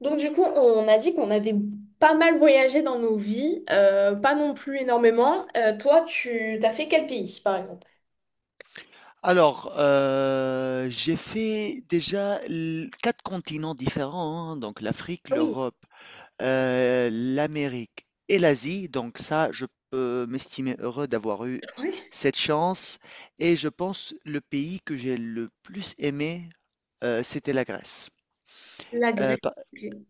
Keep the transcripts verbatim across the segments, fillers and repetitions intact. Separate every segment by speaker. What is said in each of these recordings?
Speaker 1: Donc du coup, on a dit qu'on avait pas mal voyagé dans nos vies, euh, pas non plus énormément. Euh, toi, tu t'as fait quel pays, par exemple?
Speaker 2: Alors, heu, j'ai fait déjà l quatre continents différents, hein, donc l'Afrique,
Speaker 1: Ah oui,
Speaker 2: l'Europe, heu, l'Amérique et l'Asie. Donc ça, je peux m'estimer heureux d'avoir eu
Speaker 1: ouais,
Speaker 2: cette chance, et je pense le pays que j'ai le plus aimé, heu, c'était la Grèce.
Speaker 1: la
Speaker 2: Heu,
Speaker 1: Grèce.
Speaker 2: pa
Speaker 1: Ok.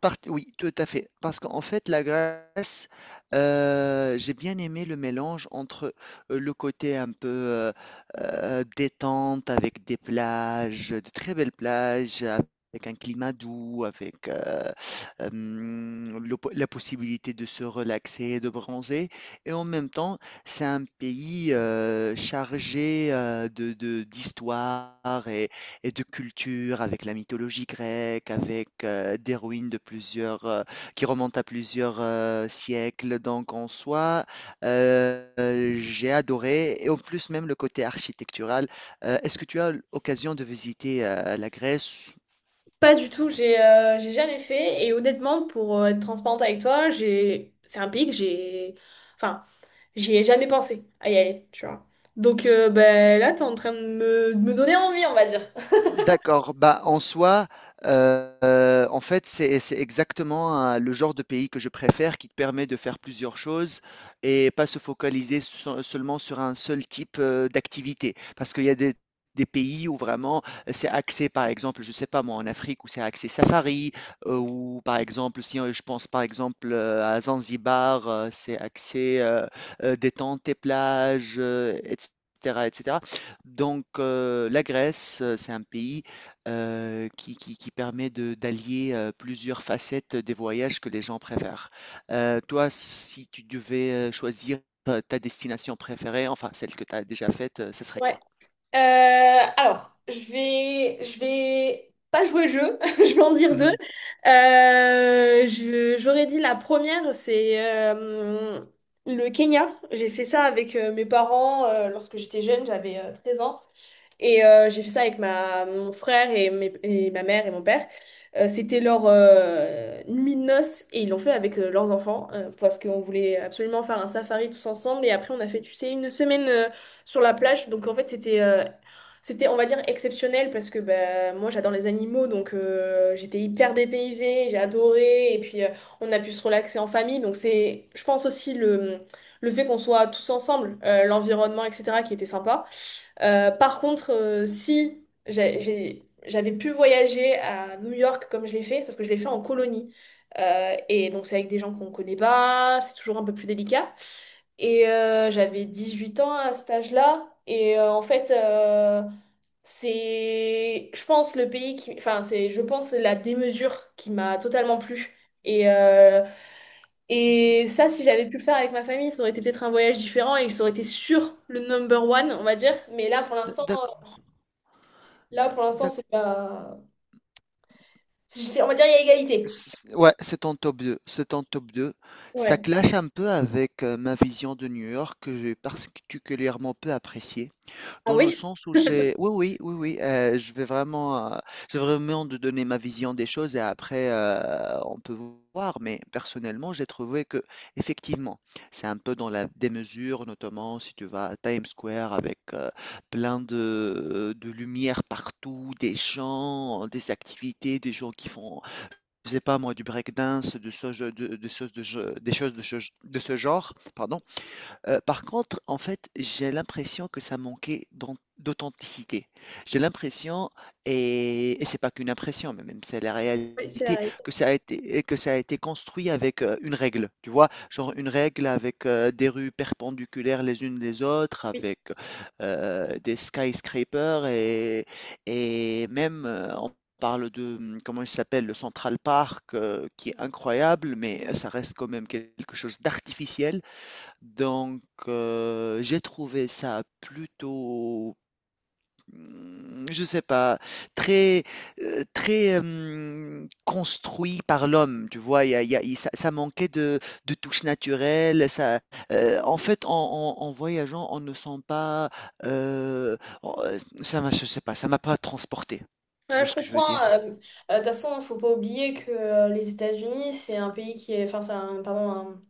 Speaker 2: Part oui, tout à fait. Parce qu'en fait, la Grèce, heu, j'ai bien aimé le mélange entre, heu, le côté un peu, heu heu, détente, avec des plages, de très belles plages, avec un climat doux, avec, heu, hem, le po la possibilité de se relaxer, de bronzer, et en même temps, c'est un pays, heu, chargé, heu, de de d'histoire et et de culture, avec la mythologie grecque, avec euh, des ruines de plusieurs, euh, qui remontent à plusieurs euh, siècles. Donc en soi, euh, euh, j'ai adoré, et en plus même le côté architectural. Euh, est-ce que tu as l'occasion de visiter euh, la Grèce?
Speaker 1: Pas du tout, j'ai euh, j'ai jamais fait et honnêtement, pour euh, être transparente avec toi, j'ai c'est un pays que j'ai enfin, j'y ai jamais pensé à y aller, tu vois. Donc euh, ben là, t'es en train de me, de me donner envie, on va dire.
Speaker 2: D'accord, bah, en soi, heu, en fait, c'est c'est exactement, hein, le genre de pays que je préfère, qui te permet de faire plusieurs choses et pas se focaliser se seulement sur un seul type, heu, d'activité. Parce qu'il y a des des pays où vraiment euh, c'est axé, par exemple, je sais pas moi, en Afrique, où c'est axé safari, heu, ou par exemple si, heu, je pense par exemple, heu, à Zanzibar, heu, c'est axé, heu heu, détente et plage, heu, et cetera, et cetera. Donc, heu, la Grèce, heu, c'est un pays, heu, qui qui qui permet de d'allier, heu, plusieurs facettes des voyages que les gens préfèrent. Heu, toi, si tu devais, heu, choisir, heu, ta destination préférée, enfin celle que tu as déjà faite, heu, ce serait
Speaker 1: Ouais.
Speaker 2: quoi?
Speaker 1: Euh, alors, je vais, je vais pas jouer le jeu, je vais en dire deux.
Speaker 2: Mmh.
Speaker 1: Euh, je- j'aurais dit la première, c'est euh, le Kenya. J'ai fait ça avec euh, mes parents euh, lorsque j'étais jeune, j'avais euh, treize ans. Et euh, j'ai fait ça avec ma, mon frère et, mes- et ma mère et mon père. Euh, c'était leur euh, nuit de noces et ils l'ont fait avec euh, leurs enfants euh, parce qu'on voulait absolument faire un safari tous ensemble. Et après, on a fait, tu sais, une semaine euh, sur la plage. Donc en fait, c'était, euh, c'était, on va dire, exceptionnel parce que bah, moi, j'adore les animaux. Donc euh, j'étais hyper dépaysée, j'ai adoré. Et puis, euh, on a pu se relaxer en famille. Donc c'est, je pense aussi, le, le fait qu'on soit tous ensemble, euh, l'environnement, et cetera, qui était sympa. Euh, par contre, euh, si j'ai- j'ai- j'avais pu voyager à New York comme je l'ai fait, sauf que je l'ai fait en colonie. Euh, et donc c'est avec des gens qu'on connaît pas, c'est toujours un peu plus délicat. Et euh, j'avais dix-huit ans à cet âge-là. Et euh, en fait, euh, c'est, je pense, le pays qui... Enfin, c'est, je pense, la démesure qui m'a totalement plu. Et, euh, et ça, si j'avais pu le faire avec ma famille, ça aurait été peut-être un voyage différent et ça aurait été sur le number one, on va dire. Mais là, pour
Speaker 2: D
Speaker 1: l'instant,
Speaker 2: d'accord,
Speaker 1: là, pour l'instant,
Speaker 2: d'ac,
Speaker 1: c'est pas. c'est- On va dire il y a égalité.
Speaker 2: c ouais, c'est en top deux. C'est en top deux. Ça
Speaker 1: Ouais.
Speaker 2: clash un peu avec, heu, ma vision de New York, que j'ai particulièrement peu appréciée.
Speaker 1: Ah
Speaker 2: Dans le
Speaker 1: oui?
Speaker 2: sens où j'ai oui, oui, oui, oui, heu, je vais vraiment, heu, je vais vraiment de donner ma vision des choses, et après, heu, on peut voir. Mais personnellement, j'ai trouvé que effectivement c'est un peu dans la démesure, notamment si tu vas à Times Square avec, heu, plein de de lumière partout, des chants, des activités, des gens qui font, je sais pas moi, du breakdance, de ce de de choses de je des choses de ce de ce genre, pardon. Heu, par contre, en fait, j'ai l'impression que ça manquait d'an d'authenticité. J'ai l'impression, et et c'est pas qu'une impression, mais même c'est la
Speaker 1: Oui, c'est la
Speaker 2: réalité,
Speaker 1: réalité.
Speaker 2: que ça a été que ça a été construit avec, heu, une règle, tu vois? Genre une règle avec, heu, des rues perpendiculaires les unes des autres,
Speaker 1: Oui.
Speaker 2: avec, heu, des skyscrapers et et même, heu, on parle de, mmh, comment il s'appelle? Le Central Park, heu, qui est incroyable, mais ça reste quand même quelque chose d'artificiel. Donc, heu, j'ai trouvé ça plutôt, mmh, je sais pas, très, heu, très, hem, construit par l'homme, tu vois? Il y a il y a il ça ça manquait de de touches naturelles. Ça, heu, en fait, en en en voyageant, on ne sent pas, heu, on heu, ça m'a je sais pas, ça m'a pas transporté. Tu
Speaker 1: Ouais,
Speaker 2: vois
Speaker 1: je
Speaker 2: ce que je veux
Speaker 1: comprends.
Speaker 2: dire?
Speaker 1: euh, euh, De toute façon, il ne faut pas oublier que euh, les États-Unis, c'est un pays qui est, enfin, c'est un, pardon, un-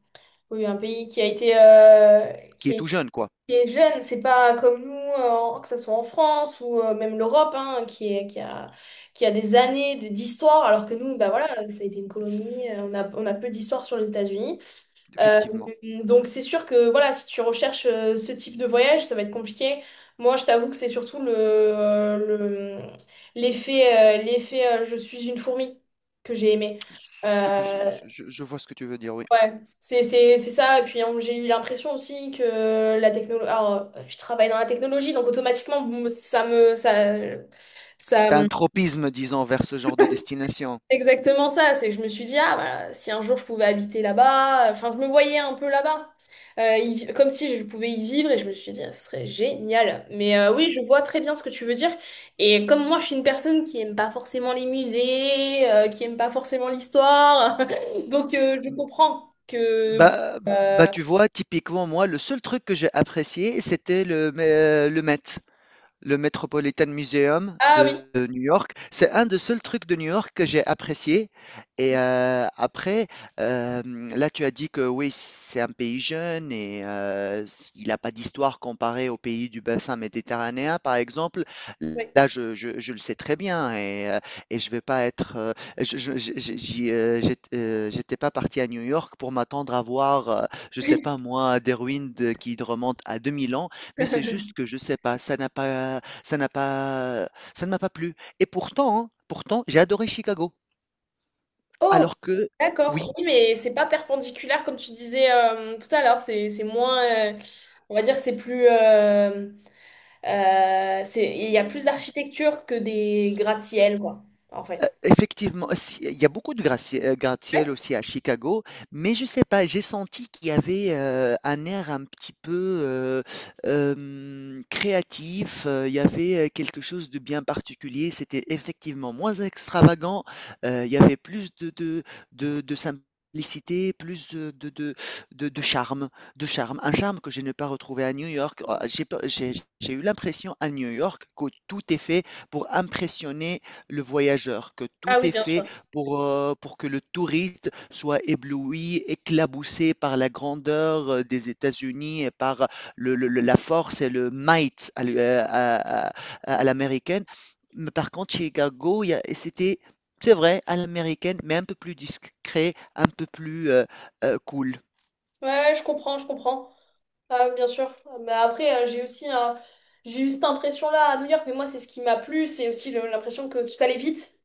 Speaker 1: oui, un pays qui a été, euh,
Speaker 2: Qui
Speaker 1: qui
Speaker 2: est
Speaker 1: a
Speaker 2: tout jeune, quoi,
Speaker 1: été jeune. C'est pas comme nous, euh, en- que ce soit en France ou euh, même l'Europe, hein, qui est, qui a, qui a des années de- d'histoire, alors que nous, bah voilà, ça a été une colonie. euh, On a, on a peu d'histoire sur les États-Unis. Euh,
Speaker 2: effectivement.
Speaker 1: donc c'est sûr que voilà, si tu recherches euh, ce type de voyage, ça va être compliqué. Moi, je t'avoue que c'est surtout le, euh, le- l'effet, euh, l'effet euh, je suis une fourmi que j'ai aimé.
Speaker 2: Ce que je
Speaker 1: Euh,
Speaker 2: je je vois ce que tu veux dire, oui.
Speaker 1: ouais, c'est, c'est, c'est ça. Et puis hein, j'ai eu l'impression aussi que la technologie... Alors, euh, je travaille dans la technologie, donc automatiquement, bon, ça me... Ça, ça,
Speaker 2: Tu un tropisme, disons, vers ce genre de destination.
Speaker 1: Exactement ça. C'est que je me suis dit, ah, voilà, si un jour je pouvais habiter là-bas, enfin, je me voyais un peu là-bas. Euh, y- comme si je pouvais y vivre et je me suis dit, ah, ce serait génial. Mais euh, oui, je vois très bien ce que tu veux dire. Et comme moi, je suis une personne qui aime pas forcément les musées, euh, qui aime pas forcément l'histoire, donc euh, je comprends que. bon,
Speaker 2: Bah bah,
Speaker 1: euh,
Speaker 2: tu vois, typiquement, moi, le seul truc que j'ai apprécié, c'était le mais, heu, le Met, le Metropolitan Museum
Speaker 1: Ah oui,
Speaker 2: de de New York. C'est un des seuls trucs de New York que j'ai apprécié. Et euh, après, euh, là, tu as dit que oui, c'est un pays jeune et euh, il n'a pas d'histoire comparée aux pays du bassin méditerranéen, par exemple. Là, je, je- je le sais très bien, et, euh, et je vais pas être. euh, je, je- je- j'y, euh, j'ét- euh, j'étais pas parti à New York pour m'attendre à voir, euh, je sais
Speaker 1: oui.
Speaker 2: pas moi, des ruines de- qui remontent à deux mille ans.
Speaker 1: Oui.
Speaker 2: Mais c'est juste que je sais pas, ça n'a pas ça n'a pas ça ne m'a pas plu, et pourtant, hein, pourtant j'ai adoré Chicago.
Speaker 1: Oh,
Speaker 2: Alors que
Speaker 1: d'accord.
Speaker 2: oui,
Speaker 1: Oui, mais c'est pas perpendiculaire comme tu disais euh, tout à l'heure. C'est c'est moins. Euh, on va dire c'est plus. Euh, Euh, c'est, il y a plus d'architecture que des gratte-ciel, quoi, en fait.
Speaker 2: effectivement, si il y a beaucoup de gratte-ciel
Speaker 1: Ouais.
Speaker 2: gratte-ciel aussi à Chicago, mais je sais pas, j'ai senti qu'il y avait, heu, un air un petit peu, heu, hem, créatif, heu, il y avait, heu, quelque chose de bien particulier. C'était effectivement moins extravagant, heu, il y avait plus de de de de simplicité, plus de de de de de charme, de charme. Un charme que je n'ai pas retrouvé à New York. Oh, j'ai pas j'ai j'ai eu l'impression à New York que tout est fait pour impressionner le voyageur, que tout
Speaker 1: Ah oui,
Speaker 2: est
Speaker 1: bien
Speaker 2: fait
Speaker 1: sûr.
Speaker 2: pour, heu, pour que le touriste soit ébloui, éclaboussé par la grandeur, heu, des États-Unis et par le le le la force et le might à l'u heu, à à à l'américaine. Mais par contre, Chicago, il y a et c'était c'est vrai, à l'américaine, mais un peu plus discret, un peu plus, heu heu, cool.
Speaker 1: Ouais, je comprends, je comprends. Ah, oui, bien sûr. Mais après, euh, j'ai aussi un... j'ai eu cette impression-là à New York, mais moi, c'est ce qui m'a plu. C'est aussi le- l'impression que tout allait vite.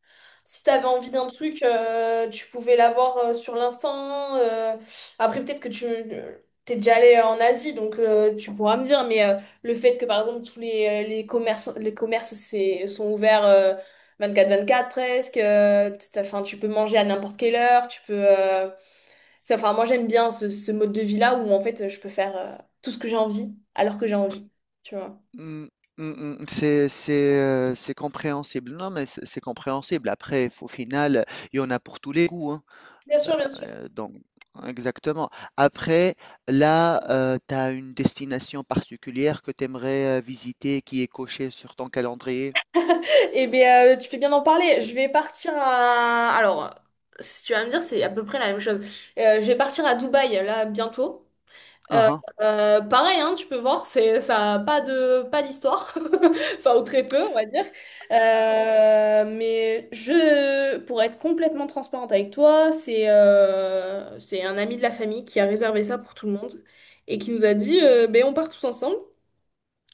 Speaker 1: Si t'avais envie d'un truc, euh, tu pouvais l'avoir euh, sur l'instant. euh. Après, peut-être que tu euh, t'es déjà allé euh, en Asie, donc euh, tu pourras me dire. Mais euh, le fait que, par exemple, tous les, euh, les commerces, les commerces c'est- sont ouverts euh, vingt-quatre vingt-quatre presque. Euh, t'as- enfin, tu peux manger à n'importe quelle heure. Tu peux. euh, ça, Enfin, moi, j'aime bien ce, ce mode de vie-là où, en fait, je peux faire euh, tout ce que j'ai envie, alors que j'ai envie, tu vois.
Speaker 2: Mmh. Mmh mh. C'est c'est, heu, c'est compréhensible. Non, mais c'est c'est compréhensible. Après, au final, il y en a pour tous les goûts, hein.
Speaker 1: Bien sûr, bien sûr.
Speaker 2: Euh, donc, exactement. Après, là, tu as une destination particulière que tu aimerais visiter, qui est cochée sur ton calendrier.
Speaker 1: Eh bien, tu fais bien d'en parler. Je vais partir à... Alors, si tu vas me dire, c'est à peu près la même chose. Euh, je vais partir à Dubaï, là, bientôt. Euh,
Speaker 2: Uhum.
Speaker 1: euh, Pareil, hein, tu peux voir, c'est, ça a pas de, pas d'histoire, enfin, ou très peu, on va dire. Euh, mais je, pour être complètement transparente avec toi, c'est euh, c'est un ami de la famille qui a réservé ça pour tout le monde et qui nous a dit, euh, ben, on part tous ensemble.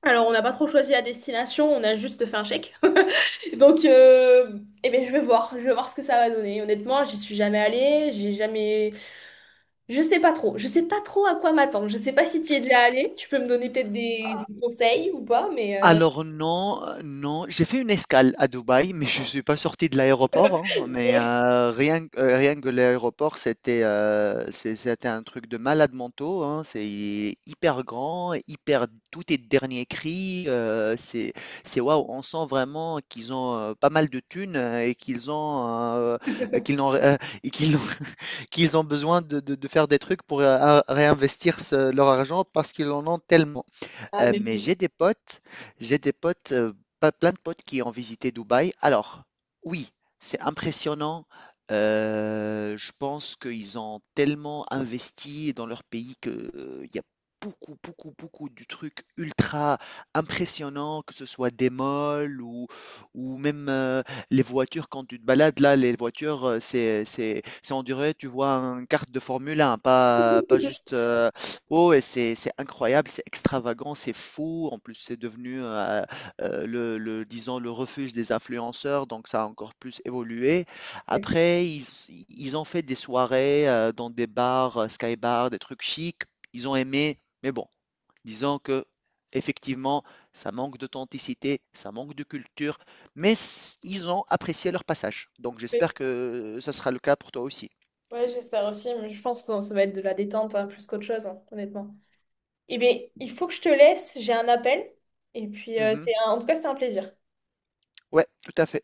Speaker 1: Alors, on n'a pas trop choisi la destination, on a juste fait un chèque. Donc, euh, eh ben, je vais voir, je vais voir ce que ça va donner. Honnêtement, j'y suis jamais allée, j'ai jamais. Je sais pas trop. Je sais pas trop à quoi m'attendre. Je sais pas si tu y es déjà allé. Tu peux me donner peut-être des, des conseils ou pas, mais... euh,
Speaker 2: Alors non, heu, non, j'ai fait une escale à Dubaï, mais je suis pas sorti de l'aéroport, hein, mais heu, rien que euh, rien que l'aéroport, c'était, heu, c'est c'était un truc de malade mentaux, hein. C'est hyper grand, hyper tout est dernier cri, heu, c'est c'est waouh, on sent vraiment qu'ils ont, heu, pas mal de thunes, heu, et qu'ils ont, heu, qu'ils n'ont ré euh, et qu'ils ont qu'ils ont besoin de de de faire des trucs pour, heu, réinvestir ce leur argent parce qu'ils en ont tellement.
Speaker 1: Ah,
Speaker 2: Heu,
Speaker 1: mais
Speaker 2: mais
Speaker 1: oui.
Speaker 2: j'ai des potes j'ai des potes, heu, pas plein de potes qui ont visité Dubaï. Alors, oui, c'est impressionnant. Heu, je pense qu'ils ont tellement investi dans leur pays que, heu, il y a beaucoup, beaucoup, beaucoup du truc ultra impressionnant, que ce soit des malls ou ou même, heu, les voitures quand tu te balades là, les voitures, heu, c'est c'est c'est on dirait, tu vois, un kart de Formule un, pas pas juste, heu. Oh, et c'est c'est incroyable, c'est extravagant, c'est fou. En plus, c'est devenu, heu heu, le le disons le refuge des influenceurs, donc ça a encore plus évolué.
Speaker 1: Ouais,
Speaker 2: Après, ils ils ont fait des soirées, heu, dans des bars, heu, sky bars, des trucs chics. Ils ont aimé, mais bon, disons que effectivement ça manque d'authenticité, ça manque de culture, mais s ils ont apprécié leur passage. Donc
Speaker 1: oui.
Speaker 2: j'espère que euh, ça sera le cas pour toi aussi.
Speaker 1: Ouais, j'espère aussi, mais je pense que ça va être de la détente hein, plus qu'autre chose, hein, honnêtement. Eh bien, il faut que je te laisse. J'ai un appel. Et puis, euh,
Speaker 2: Mmh.
Speaker 1: c'est un- en tout cas, c'était un plaisir.
Speaker 2: Ouais, tout à fait.